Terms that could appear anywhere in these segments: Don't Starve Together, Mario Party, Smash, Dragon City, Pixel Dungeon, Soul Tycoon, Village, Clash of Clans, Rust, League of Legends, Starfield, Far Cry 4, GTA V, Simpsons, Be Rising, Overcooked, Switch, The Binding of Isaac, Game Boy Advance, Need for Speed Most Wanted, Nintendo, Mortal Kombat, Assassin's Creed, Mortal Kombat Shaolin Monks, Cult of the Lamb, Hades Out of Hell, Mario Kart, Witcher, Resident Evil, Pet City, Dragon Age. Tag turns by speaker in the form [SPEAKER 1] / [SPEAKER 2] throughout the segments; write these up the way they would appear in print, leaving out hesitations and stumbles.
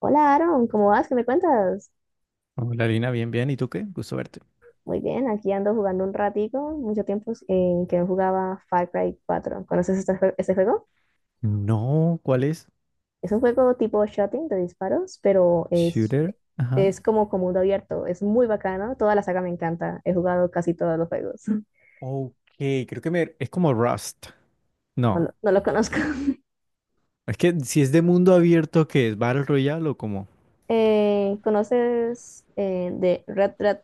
[SPEAKER 1] Hola Aaron, ¿cómo vas? ¿Qué me cuentas?
[SPEAKER 2] Hola Lina, bien, bien. ¿Y tú qué? Gusto verte.
[SPEAKER 1] Muy bien, aquí ando jugando un ratico, mucho tiempo en que no jugaba Far Cry 4. ¿Conoces este juego?
[SPEAKER 2] No, ¿cuál es?
[SPEAKER 1] Es un juego tipo shooting de disparos, pero es,
[SPEAKER 2] Shooter. Ajá.
[SPEAKER 1] es como mundo abierto, es muy bacano, toda la saga me encanta, he jugado casi todos los juegos.
[SPEAKER 2] Ok, creo que es como Rust.
[SPEAKER 1] No,
[SPEAKER 2] No,
[SPEAKER 1] lo no lo conozco.
[SPEAKER 2] es que si es de mundo abierto, ¿qué es? ¿Battle Royale o como?
[SPEAKER 1] ¿Conoces de Red, Red,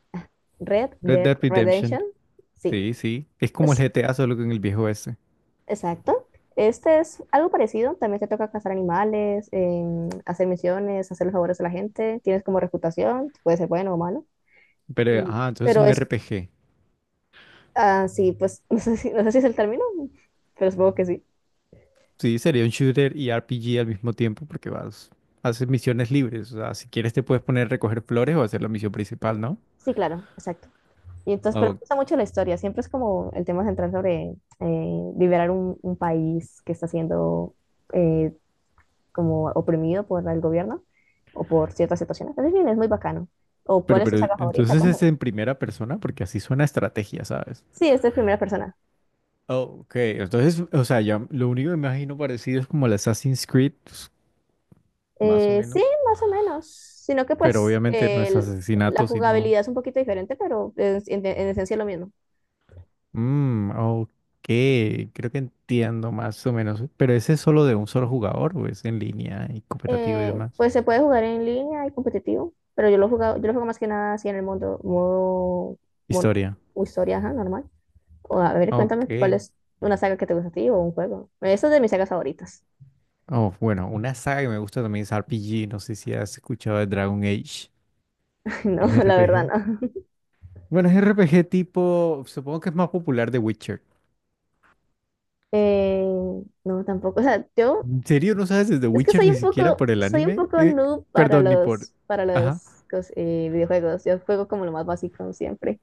[SPEAKER 1] Red
[SPEAKER 2] Red
[SPEAKER 1] Dead
[SPEAKER 2] Dead
[SPEAKER 1] Redemption?
[SPEAKER 2] Redemption.
[SPEAKER 1] Sí,
[SPEAKER 2] Sí, sí. Es como el
[SPEAKER 1] es,
[SPEAKER 2] GTA, solo que en el viejo este.
[SPEAKER 1] exacto. Este es algo parecido. También te toca cazar animales, hacer misiones, hacer los favores a la gente. Tienes como reputación, puede ser bueno o malo.
[SPEAKER 2] Pero,
[SPEAKER 1] Mm.
[SPEAKER 2] ah, entonces es
[SPEAKER 1] Pero
[SPEAKER 2] un
[SPEAKER 1] es,
[SPEAKER 2] RPG.
[SPEAKER 1] sí, pues no sé si es el término, pero supongo que sí.
[SPEAKER 2] Sí, sería un shooter y RPG al mismo tiempo porque vas, haces misiones libres. O sea, si quieres te puedes poner a recoger flores o hacer la misión principal, ¿no?
[SPEAKER 1] Sí, claro, exacto. Y entonces, pero me
[SPEAKER 2] Oh.
[SPEAKER 1] gusta mucho la historia. Siempre es como el tema central sobre liberar un país que está siendo eh, como oprimido por el gobierno o por ciertas situaciones. Entonces, bien, es muy bacano. ¿O cuál
[SPEAKER 2] Pero,
[SPEAKER 1] es tu
[SPEAKER 2] pero,
[SPEAKER 1] saga favorita?
[SPEAKER 2] entonces es
[SPEAKER 1] Cuéntame.
[SPEAKER 2] en primera persona porque así suena estrategia, ¿sabes?
[SPEAKER 1] Sí, esta es primera persona.
[SPEAKER 2] Ok, entonces, o sea, ya lo único que me imagino parecido es como el Assassin's Creed, pues, más o
[SPEAKER 1] Sí,
[SPEAKER 2] menos.
[SPEAKER 1] más o menos, sino que
[SPEAKER 2] Pero
[SPEAKER 1] pues
[SPEAKER 2] obviamente no es
[SPEAKER 1] la
[SPEAKER 2] asesinato, sino.
[SPEAKER 1] jugabilidad es un poquito diferente, pero en esencia es lo mismo.
[SPEAKER 2] Mmm, ok, creo que entiendo más o menos. Pero ese es solo de un solo jugador, o es en línea y cooperativo y demás.
[SPEAKER 1] Pues se puede jugar en línea y competitivo, pero yo lo juego más que nada así en el mundo, modo
[SPEAKER 2] Historia.
[SPEAKER 1] o historia, ajá, normal. O, a ver,
[SPEAKER 2] Ok.
[SPEAKER 1] cuéntame cuál es una saga que te gusta a ti o un juego. Esa es de mis sagas favoritas.
[SPEAKER 2] Oh, bueno, una saga que me gusta también es RPG. No sé si has escuchado de Dragon Age.
[SPEAKER 1] No, la verdad
[SPEAKER 2] RPG.
[SPEAKER 1] no.
[SPEAKER 2] Bueno, es RPG tipo. Supongo que es más popular de Witcher.
[SPEAKER 1] Eh, no, tampoco. O sea, yo
[SPEAKER 2] ¿En serio no sabes desde
[SPEAKER 1] es que
[SPEAKER 2] Witcher
[SPEAKER 1] soy
[SPEAKER 2] ni
[SPEAKER 1] un
[SPEAKER 2] siquiera
[SPEAKER 1] poco,
[SPEAKER 2] por el
[SPEAKER 1] soy un
[SPEAKER 2] anime?
[SPEAKER 1] poco noob para
[SPEAKER 2] Perdón, ni por...
[SPEAKER 1] los, para
[SPEAKER 2] Ajá.
[SPEAKER 1] los videojuegos. Yo juego como lo más básico siempre.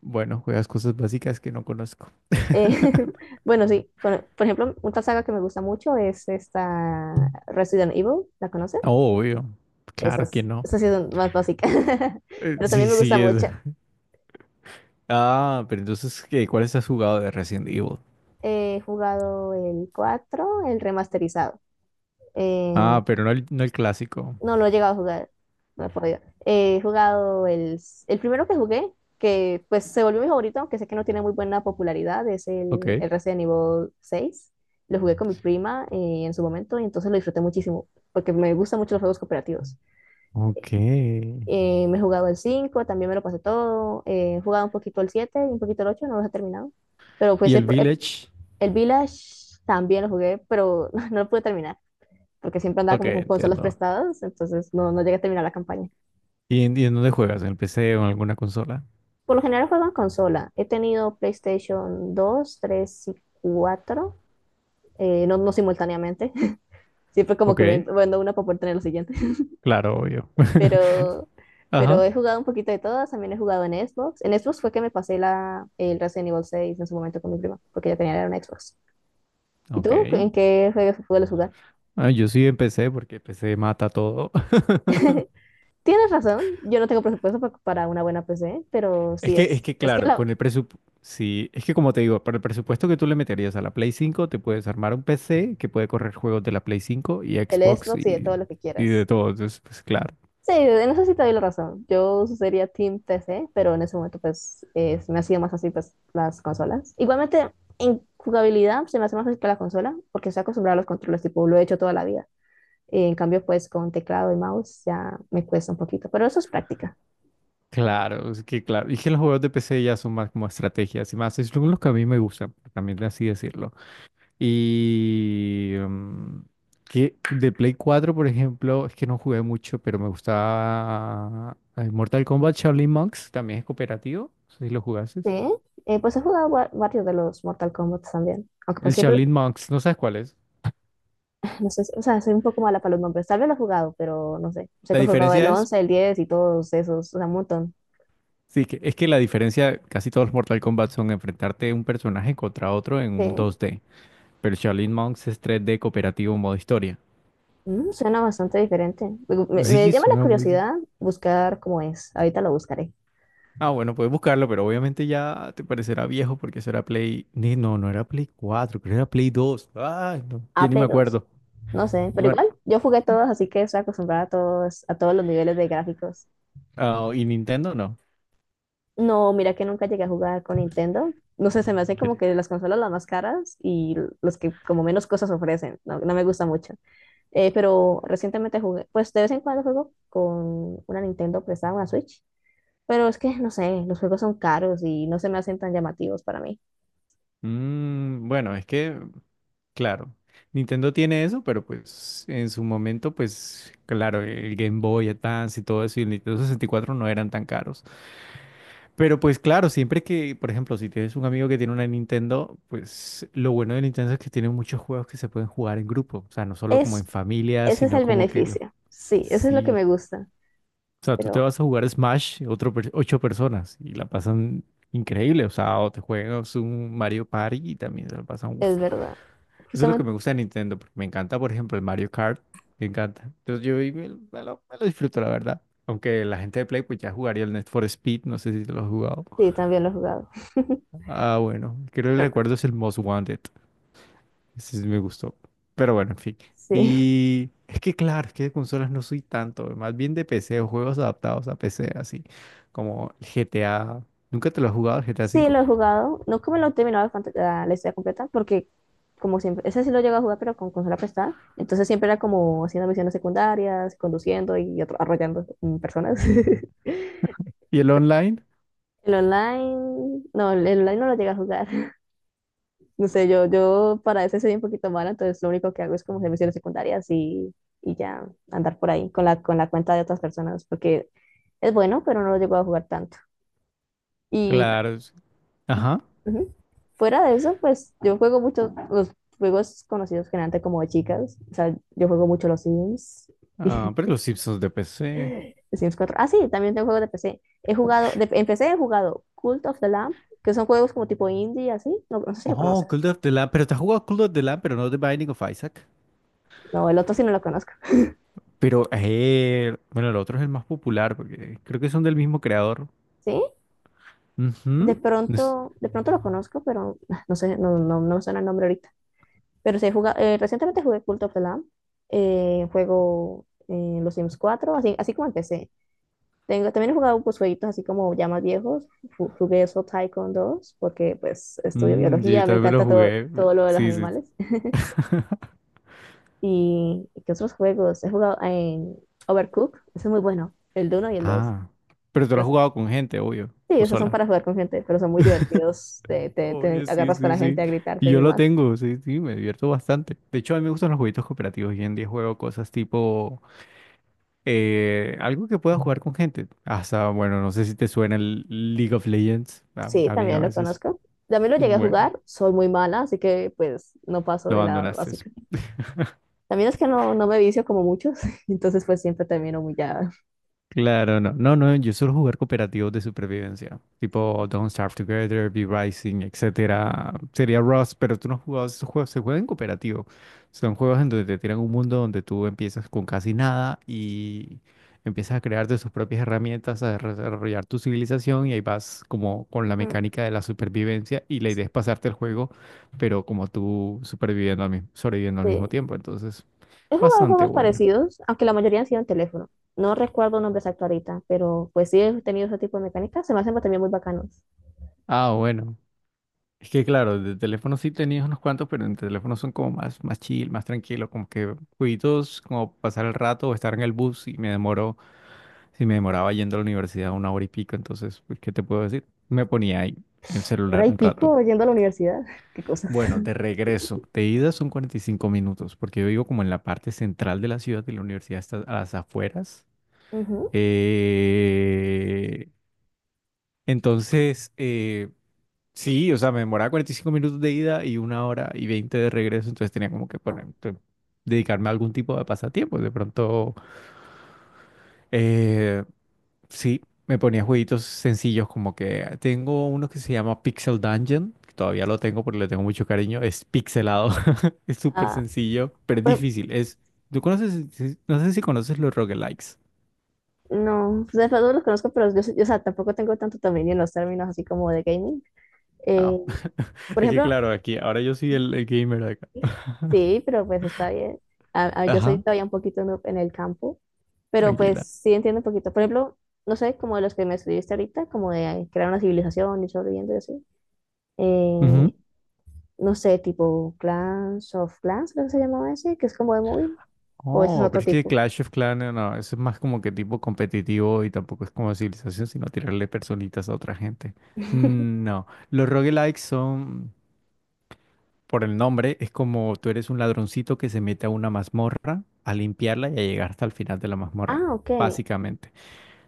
[SPEAKER 2] Bueno, juegas cosas básicas que no conozco.
[SPEAKER 1] Eh, bueno, sí, por ejemplo, una saga que me gusta mucho es esta Resident Evil, ¿la conoces?
[SPEAKER 2] Oh, obvio. Claro que
[SPEAKER 1] Esas,
[SPEAKER 2] no.
[SPEAKER 1] esas sí son más básicas, pero
[SPEAKER 2] Sí,
[SPEAKER 1] también me gusta
[SPEAKER 2] sí, es...
[SPEAKER 1] mucho.
[SPEAKER 2] Ah, pero entonces, ¿qué? ¿Cuáles has jugado de Resident Evil?
[SPEAKER 1] He jugado el 4 el remasterizado.
[SPEAKER 2] Ah, pero no el clásico.
[SPEAKER 1] No lo he llegado a jugar, no he podido. He jugado el primero que jugué, que pues se volvió mi favorito, aunque sé que no tiene muy buena popularidad, es
[SPEAKER 2] Ok.
[SPEAKER 1] el Resident Evil seis. Lo jugué con mi prima en su momento y entonces lo disfruté muchísimo, porque me gustan mucho los juegos cooperativos.
[SPEAKER 2] Ok.
[SPEAKER 1] Me he jugado el cinco, también me lo pasé todo. He jugado un poquito el 7 y un poquito el ocho, no los he terminado. Pero pues
[SPEAKER 2] ¿Y el
[SPEAKER 1] el, el
[SPEAKER 2] Village?
[SPEAKER 1] el Village también lo jugué, pero no lo pude terminar, porque siempre andaba
[SPEAKER 2] Ok,
[SPEAKER 1] como con consolas
[SPEAKER 2] entiendo.
[SPEAKER 1] prestadas, entonces no, no llegué a terminar la campaña.
[SPEAKER 2] ¿Y en dónde juegas? ¿En el PC o en alguna consola?
[SPEAKER 1] Por lo general juego en consola. He tenido PlayStation 2, 3 y 4, no, no simultáneamente. Siempre como
[SPEAKER 2] Ok.
[SPEAKER 1] que vendo una para poder tener la siguiente.
[SPEAKER 2] Claro, obvio.
[SPEAKER 1] Pero, pero
[SPEAKER 2] Ajá.
[SPEAKER 1] he jugado un poquito de todas. También he jugado en Xbox. En Xbox fue que me pasé el Resident Evil 6 en su momento con mi prima, porque ella tenía una Xbox. ¿Y
[SPEAKER 2] Ok.
[SPEAKER 1] tú? ¿En qué juegos sueles jugar?
[SPEAKER 2] Ah, yo sí empecé porque PC mata todo.
[SPEAKER 1] Tienes razón. Yo no tengo presupuesto para una buena PC, pero
[SPEAKER 2] Es
[SPEAKER 1] sí
[SPEAKER 2] que, es
[SPEAKER 1] es.
[SPEAKER 2] que
[SPEAKER 1] Es que
[SPEAKER 2] claro, con el presupuesto, sí, es que como te digo, para el presupuesto que tú le meterías a la Play 5 te puedes armar un PC que puede correr juegos de la Play 5 y
[SPEAKER 1] el
[SPEAKER 2] Xbox
[SPEAKER 1] Xbox y de
[SPEAKER 2] y,
[SPEAKER 1] todo lo que
[SPEAKER 2] y
[SPEAKER 1] quieras.
[SPEAKER 2] de todo. Entonces, pues claro,
[SPEAKER 1] Sí, en eso sí te doy la razón. Yo sería Team PC, pero en ese momento pues se me hacía más fácil pues las consolas. Igualmente en jugabilidad se me hace más fácil que la consola porque estoy acostumbrada a los controles, tipo lo he hecho toda la vida. En cambio pues con teclado y mouse ya me cuesta un poquito, pero eso es práctica.
[SPEAKER 2] claro, es que claro. Y que los juegos de PC ya son más como estrategias y más, es lo que a mí me gusta, también así decirlo. Y que de Play 4 por ejemplo, es que no jugué mucho, pero me gustaba Mortal Kombat Shaolin Monks, también es cooperativo, no sé si lo
[SPEAKER 1] Sí,
[SPEAKER 2] jugases.
[SPEAKER 1] pues he jugado varios de los Mortal Kombat también. Aunque pues
[SPEAKER 2] El
[SPEAKER 1] siempre,
[SPEAKER 2] Shaolin Monks, ¿no sabes cuál es?
[SPEAKER 1] no sé, o sea, soy un poco mala para los nombres. Tal vez lo he jugado, pero no sé. Sé
[SPEAKER 2] La
[SPEAKER 1] que he jugado el
[SPEAKER 2] diferencia es,
[SPEAKER 1] 11, el 10 y todos esos, o sea, un montón.
[SPEAKER 2] sí, que es que la diferencia, casi todos los Mortal Kombat son enfrentarte un personaje contra otro en un
[SPEAKER 1] Sí.
[SPEAKER 2] 2D, pero el Shaolin Monks es 3D cooperativo modo historia.
[SPEAKER 1] Suena bastante diferente. Digo, me
[SPEAKER 2] Sí,
[SPEAKER 1] llama la
[SPEAKER 2] suena muy bien.
[SPEAKER 1] curiosidad buscar cómo es. Ahorita lo buscaré.
[SPEAKER 2] Ah, bueno, puedes buscarlo, pero obviamente ya te parecerá viejo porque eso era Play. No, no era Play 4, creo que era Play 2. Ay, no, ya ni me
[SPEAKER 1] Play dos.
[SPEAKER 2] acuerdo.
[SPEAKER 1] No sé, pero
[SPEAKER 2] Bueno,
[SPEAKER 1] igual, yo jugué todos, así que estoy acostumbrada a todos los niveles de gráficos.
[SPEAKER 2] ah, y Nintendo no.
[SPEAKER 1] No, mira que nunca llegué a jugar con Nintendo. No sé, se me hacen como que las consolas las más caras y los que como menos cosas ofrecen. No, no me gusta mucho. Pero recientemente jugué, pues de vez en cuando juego con una Nintendo prestada, una Switch. Pero es que, no sé, los juegos son caros y no se me hacen tan llamativos para mí.
[SPEAKER 2] Bueno, es que, claro, Nintendo tiene eso, pero pues en su momento, pues claro, el Game Boy Advance y todo eso y el Nintendo 64 no eran tan caros. Pero pues claro, siempre que, por ejemplo, si tienes un amigo que tiene una Nintendo, pues lo bueno de Nintendo es que tiene muchos juegos que se pueden jugar en grupo, o sea, no solo como en
[SPEAKER 1] Es,
[SPEAKER 2] familia,
[SPEAKER 1] ese es
[SPEAKER 2] sino
[SPEAKER 1] el
[SPEAKER 2] como que
[SPEAKER 1] beneficio. Sí, eso es lo que me
[SPEAKER 2] sí.
[SPEAKER 1] gusta.
[SPEAKER 2] O sea, tú te
[SPEAKER 1] Pero
[SPEAKER 2] vas a jugar Smash, ocho personas y la pasan increíble, o sea, o te juegas un Mario Party y también se la pasan.
[SPEAKER 1] es verdad.
[SPEAKER 2] Eso es lo que me
[SPEAKER 1] Justamente,
[SPEAKER 2] gusta de Nintendo, porque me encanta, por ejemplo, el Mario Kart. Me encanta. Entonces yo y me lo disfruto, la verdad. Aunque la gente de Play pues ya jugaría el Need for Speed, no sé si te lo has jugado.
[SPEAKER 1] sí, también lo he jugado.
[SPEAKER 2] Ah, bueno, creo que el recuerdo
[SPEAKER 1] Pero,
[SPEAKER 2] es el Most Wanted. Ese sí me gustó. Pero bueno, en fin.
[SPEAKER 1] sí.
[SPEAKER 2] Y es que claro, es que de consolas no soy tanto, más bien de PC o juegos adaptados a PC, así como el GTA. ¿Nunca te lo has jugado el GTA
[SPEAKER 1] Sí,
[SPEAKER 2] V?
[SPEAKER 1] lo he jugado. No como lo he terminado la historia completa, porque como siempre, ese sí lo llego a jugar, pero con consola prestada. Entonces siempre era como haciendo misiones secundarias, conduciendo y arrollando personas.
[SPEAKER 2] ¿Y el online?
[SPEAKER 1] El online no lo llegué a jugar. No sé, yo para ese soy un poquito mala, entonces lo único que hago es como hacer misiones secundarias y ya andar por ahí con con la cuenta de otras personas, porque es bueno, pero no lo llego a jugar tanto. Y
[SPEAKER 2] Claro. Ajá.
[SPEAKER 1] Ujú. Fuera de eso, pues yo juego mucho los juegos conocidos generalmente como de chicas. O sea, yo juego mucho los Sims
[SPEAKER 2] Ah, pero
[SPEAKER 1] y
[SPEAKER 2] los Simpsons de PC.
[SPEAKER 1] Sims cuatro. Sí, también tengo juegos de PC. He jugado, en PC he jugado Cult of the Lamb, que son juegos como tipo indie, así. No, no sé si lo
[SPEAKER 2] Oh,
[SPEAKER 1] conoces.
[SPEAKER 2] Cult of the Lamb. Pero te has jugado Cult of the Lamb, pero no The Binding of Isaac.
[SPEAKER 1] No, el otro sí no lo conozco.
[SPEAKER 2] Pero, bueno, el otro es el más popular, porque creo que son del mismo creador.
[SPEAKER 1] ¿Sí? De
[SPEAKER 2] Ujú. Es-
[SPEAKER 1] pronto, de pronto lo conozco, pero no sé, no, no, no me suena el nombre ahorita. Pero sí, he jugado, recientemente jugué Cult of the Lamb. Juego los Sims cuatro así, así como en tengo, también he jugado pues jueguitos así como ya más viejos. Jugué Soul Tycoon dos porque pues estudio
[SPEAKER 2] mm, sí, yo
[SPEAKER 1] biología, me
[SPEAKER 2] también me lo
[SPEAKER 1] encanta todo,
[SPEAKER 2] jugué.
[SPEAKER 1] todo lo de los
[SPEAKER 2] Sí, sí, sí.
[SPEAKER 1] animales. ¿Y qué otros juegos? He jugado en Overcooked, ese es muy bueno, el uno y el dos.
[SPEAKER 2] Ah, pero tú lo
[SPEAKER 1] Pero-
[SPEAKER 2] has jugado con gente, obvio,
[SPEAKER 1] sí,
[SPEAKER 2] o
[SPEAKER 1] esos son
[SPEAKER 2] sola.
[SPEAKER 1] para jugar con gente, pero son muy divertidos. Te
[SPEAKER 2] Obvio, sí,
[SPEAKER 1] agarras con
[SPEAKER 2] sí,
[SPEAKER 1] la
[SPEAKER 2] sí.
[SPEAKER 1] gente a gritarte
[SPEAKER 2] Y
[SPEAKER 1] y
[SPEAKER 2] yo lo
[SPEAKER 1] demás.
[SPEAKER 2] tengo, sí, sí, me divierto bastante. De hecho, a mí me gustan los jueguitos cooperativos. Y en día juego cosas tipo algo que pueda jugar con gente. Hasta, bueno, no sé si te suena el League of Legends,
[SPEAKER 1] Sí,
[SPEAKER 2] también a
[SPEAKER 1] también lo
[SPEAKER 2] veces.
[SPEAKER 1] conozco. También lo llegué a
[SPEAKER 2] Bueno,
[SPEAKER 1] jugar, soy muy mala, así que pues no paso
[SPEAKER 2] lo
[SPEAKER 1] de la
[SPEAKER 2] abandonaste.
[SPEAKER 1] básica. También es que no, no me vicio como muchos, entonces pues siempre termino muy ya.
[SPEAKER 2] Claro, no. No, no, yo suelo jugar cooperativos de supervivencia, tipo Don't Starve Together, Be Rising, etcétera. Sería Rust, pero tú no has jugado esos juegos, se juegan en cooperativo. Son juegos en donde te tiran un mundo donde tú empiezas con casi nada y empiezas a crear de tus propias herramientas, a desarrollar tu civilización y ahí vas como con la mecánica de la supervivencia y la idea es pasarte el juego, pero como tú superviviendo al mismo, sobreviviendo al mismo
[SPEAKER 1] Sí.
[SPEAKER 2] tiempo, entonces
[SPEAKER 1] He jugado
[SPEAKER 2] bastante
[SPEAKER 1] juegos
[SPEAKER 2] bueno.
[SPEAKER 1] parecidos, aunque la mayoría han sido en teléfono. No recuerdo nombres exactos ahorita, pero pues sí he tenido ese tipo de mecánicas. Se me hacen también muy bacanos.
[SPEAKER 2] Ah, bueno. Es que claro, de teléfono sí tenías unos cuantos, pero en teléfono son como más, más chill, más tranquilo, como que jueguitos, como pasar el rato o estar en el bus y me demoró, si me demoraba yendo a la universidad una hora y pico, entonces, pues, ¿qué te puedo decir? Me ponía ahí el
[SPEAKER 1] Hora
[SPEAKER 2] celular
[SPEAKER 1] y
[SPEAKER 2] un rato.
[SPEAKER 1] pico yendo a la universidad. Qué cosas.
[SPEAKER 2] Bueno, de regreso, de ida son 45 minutos, porque yo vivo como en la parte central de la ciudad y la universidad está a las afueras.
[SPEAKER 1] Ujú.
[SPEAKER 2] Eh, entonces, eh, Sí, o sea, me demoraba 45 minutos de ida y una hora y 20 de regreso, entonces tenía como que poner, dedicarme a algún tipo de pasatiempo. De pronto, eh, sí, me ponía jueguitos sencillos como que tengo uno que se llama Pixel Dungeon, que todavía lo tengo porque le tengo mucho cariño, es pixelado, es súper
[SPEAKER 1] Ah,
[SPEAKER 2] sencillo, pero es
[SPEAKER 1] pero
[SPEAKER 2] difícil. Es, ¿tú conoces, no sé si conoces los roguelikes?
[SPEAKER 1] no, pues de todos los conozco, pero yo, o sea, tampoco tengo tanto dominio en los términos así como de gaming. Eh,
[SPEAKER 2] Ah,
[SPEAKER 1] por
[SPEAKER 2] es que
[SPEAKER 1] ejemplo,
[SPEAKER 2] claro, aquí, ahora yo soy el gamer acá.
[SPEAKER 1] sí, pero pues está bien. Yo soy
[SPEAKER 2] Ajá,
[SPEAKER 1] todavía un poquito noob en el campo, pero pues
[SPEAKER 2] tranquila.
[SPEAKER 1] sí entiendo un poquito. Por ejemplo, no sé, como de los que me estuviste ahorita, como de crear una civilización y sobreviviendo y así. eh, no sé, tipo Clash of Clans, creo que se llamaba ese, que es como de móvil, o ese es
[SPEAKER 2] Oh,
[SPEAKER 1] otro
[SPEAKER 2] pero es que
[SPEAKER 1] tipo.
[SPEAKER 2] Clash of Clans, no, no, eso es más como que tipo competitivo y tampoco es como civilización, sino tirarle personitas a otra gente. No, los roguelikes son, por el nombre, es como tú eres un ladroncito que se mete a una mazmorra a limpiarla y a llegar hasta el final de la mazmorra,
[SPEAKER 1] Ok.
[SPEAKER 2] básicamente.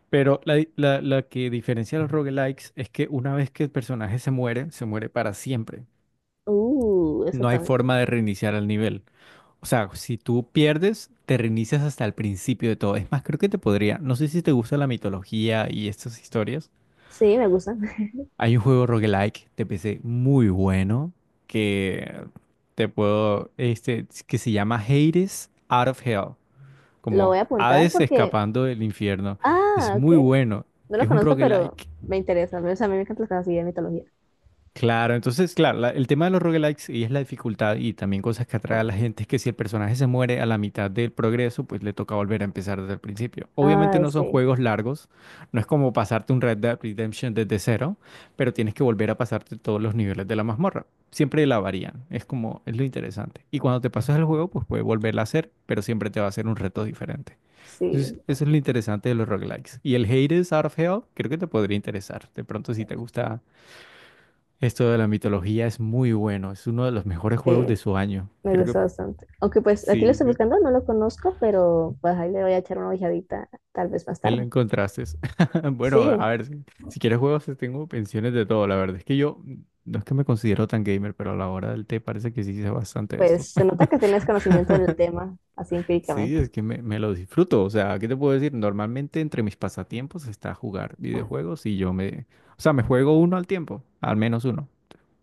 [SPEAKER 2] Pero la que diferencia a los roguelikes es que una vez que el personaje se muere para siempre.
[SPEAKER 1] Eso
[SPEAKER 2] No hay
[SPEAKER 1] también.
[SPEAKER 2] forma de reiniciar el nivel. O sea, si tú pierdes, te reinicias hasta el principio de todo. Es más, creo que te podría. No sé si te gusta la mitología y estas historias.
[SPEAKER 1] Sí, me gusta.
[SPEAKER 2] Hay un juego roguelike de PC muy bueno que te puedo, que se llama Hades Out of Hell,
[SPEAKER 1] Lo
[SPEAKER 2] como
[SPEAKER 1] voy a apuntar
[SPEAKER 2] Hades
[SPEAKER 1] porque,
[SPEAKER 2] escapando del infierno. Es
[SPEAKER 1] ok.
[SPEAKER 2] muy bueno.
[SPEAKER 1] No lo
[SPEAKER 2] Es un
[SPEAKER 1] conozco, pero
[SPEAKER 2] roguelike.
[SPEAKER 1] me interesa. O sea, a mí me encantan las cosas así de mitología.
[SPEAKER 2] Claro, entonces, claro, el tema de los roguelikes y es la dificultad y también cosas que atrae a la gente es que si el personaje se muere a la mitad del progreso, pues le toca volver a empezar desde el principio. Obviamente
[SPEAKER 1] Ay,
[SPEAKER 2] no son
[SPEAKER 1] sí,
[SPEAKER 2] juegos largos, no es como pasarte un Red Dead Redemption desde cero, pero tienes que volver a pasarte todos los niveles de la mazmorra. Siempre la varían, es como, es lo interesante. Y cuando te pasas el juego, pues puedes volverla a hacer, pero siempre te va a ser un reto diferente. Entonces,
[SPEAKER 1] sí,
[SPEAKER 2] eso es lo interesante de los roguelikes. Y el Hades Out of Hell, creo que te podría interesar. De pronto, si te gusta esto de la mitología es muy bueno, es uno de los mejores juegos de
[SPEAKER 1] sí,
[SPEAKER 2] su año.
[SPEAKER 1] me
[SPEAKER 2] Creo que
[SPEAKER 1] gusta bastante. Aunque pues aquí lo
[SPEAKER 2] sí,
[SPEAKER 1] estoy
[SPEAKER 2] sí,
[SPEAKER 1] buscando, no lo conozco, pero pues ahí le voy a echar una ojeadita tal vez más
[SPEAKER 2] él lo
[SPEAKER 1] tarde.
[SPEAKER 2] encontraste. Bueno, a
[SPEAKER 1] Sí,
[SPEAKER 2] ver, si quieres juegos, tengo pensiones de todo. La verdad es que yo no es que me considero tan gamer, pero a la hora del té parece que sí sé bastante esto.
[SPEAKER 1] pues se nota que tienes conocimiento del tema, así
[SPEAKER 2] Sí,
[SPEAKER 1] empíricamente.
[SPEAKER 2] es que me lo disfruto. O sea, ¿qué te puedo decir? Normalmente entre mis pasatiempos está jugar videojuegos y yo me, o sea, me juego uno al tiempo, al menos uno.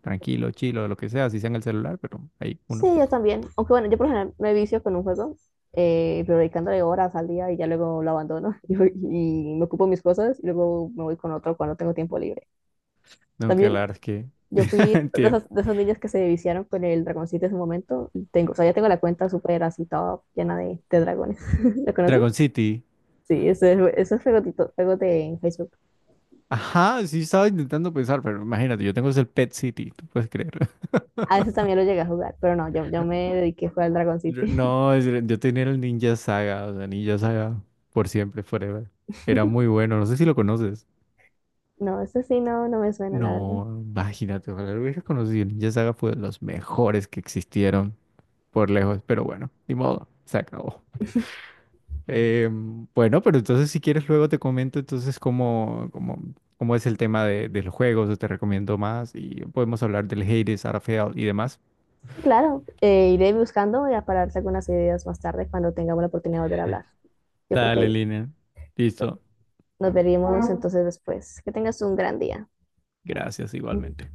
[SPEAKER 2] Tranquilo, chilo, lo que sea, si sea en el celular, pero hay
[SPEAKER 1] Sí,
[SPEAKER 2] uno.
[SPEAKER 1] yo también. Aunque bueno, yo por ejemplo me vicio con un juego, pero dedicándole horas al día y ya luego lo abandono y me ocupo mis cosas y luego me voy con otro cuando tengo tiempo libre.
[SPEAKER 2] Aunque la
[SPEAKER 1] También
[SPEAKER 2] verdad es que
[SPEAKER 1] yo fui de
[SPEAKER 2] entiendo.
[SPEAKER 1] esas, de esas niñas que se viciaron con el dragoncito en su momento. Y tengo, o sea, ya tengo la cuenta súper así toda llena de dragones. ¿Lo conoces?
[SPEAKER 2] Dragon City.
[SPEAKER 1] Sí, ese es juego de Facebook.
[SPEAKER 2] Ajá, sí estaba intentando pensar, pero imagínate, yo tengo es el Pet City, tú puedes creer.
[SPEAKER 1] A veces también lo llegué a jugar, pero no, yo me dediqué fue al Dragon City.
[SPEAKER 2] No, yo tenía el Ninja Saga, o sea, Ninja Saga por siempre, forever. Era muy bueno, no sé si lo conoces.
[SPEAKER 1] No, ese sí no, no me suena, la verdad.
[SPEAKER 2] No, imagínate, ojalá lo hubiera conocido. El Ninja Saga fue de los mejores que existieron por lejos, pero bueno, ni modo, se acabó. Bueno, pero entonces si quieres luego te comento entonces cómo es el tema de los juegos, o te recomiendo más y podemos hablar del Hades, Starfield y demás.
[SPEAKER 1] Sí, claro, iré buscando y para darte algunas ideas más tarde cuando tengamos la oportunidad de volver a hablar. Yo creo
[SPEAKER 2] Dale,
[SPEAKER 1] que
[SPEAKER 2] Lina. Listo.
[SPEAKER 1] nos veríamos entonces después. Que tengas un gran día.
[SPEAKER 2] Gracias igualmente.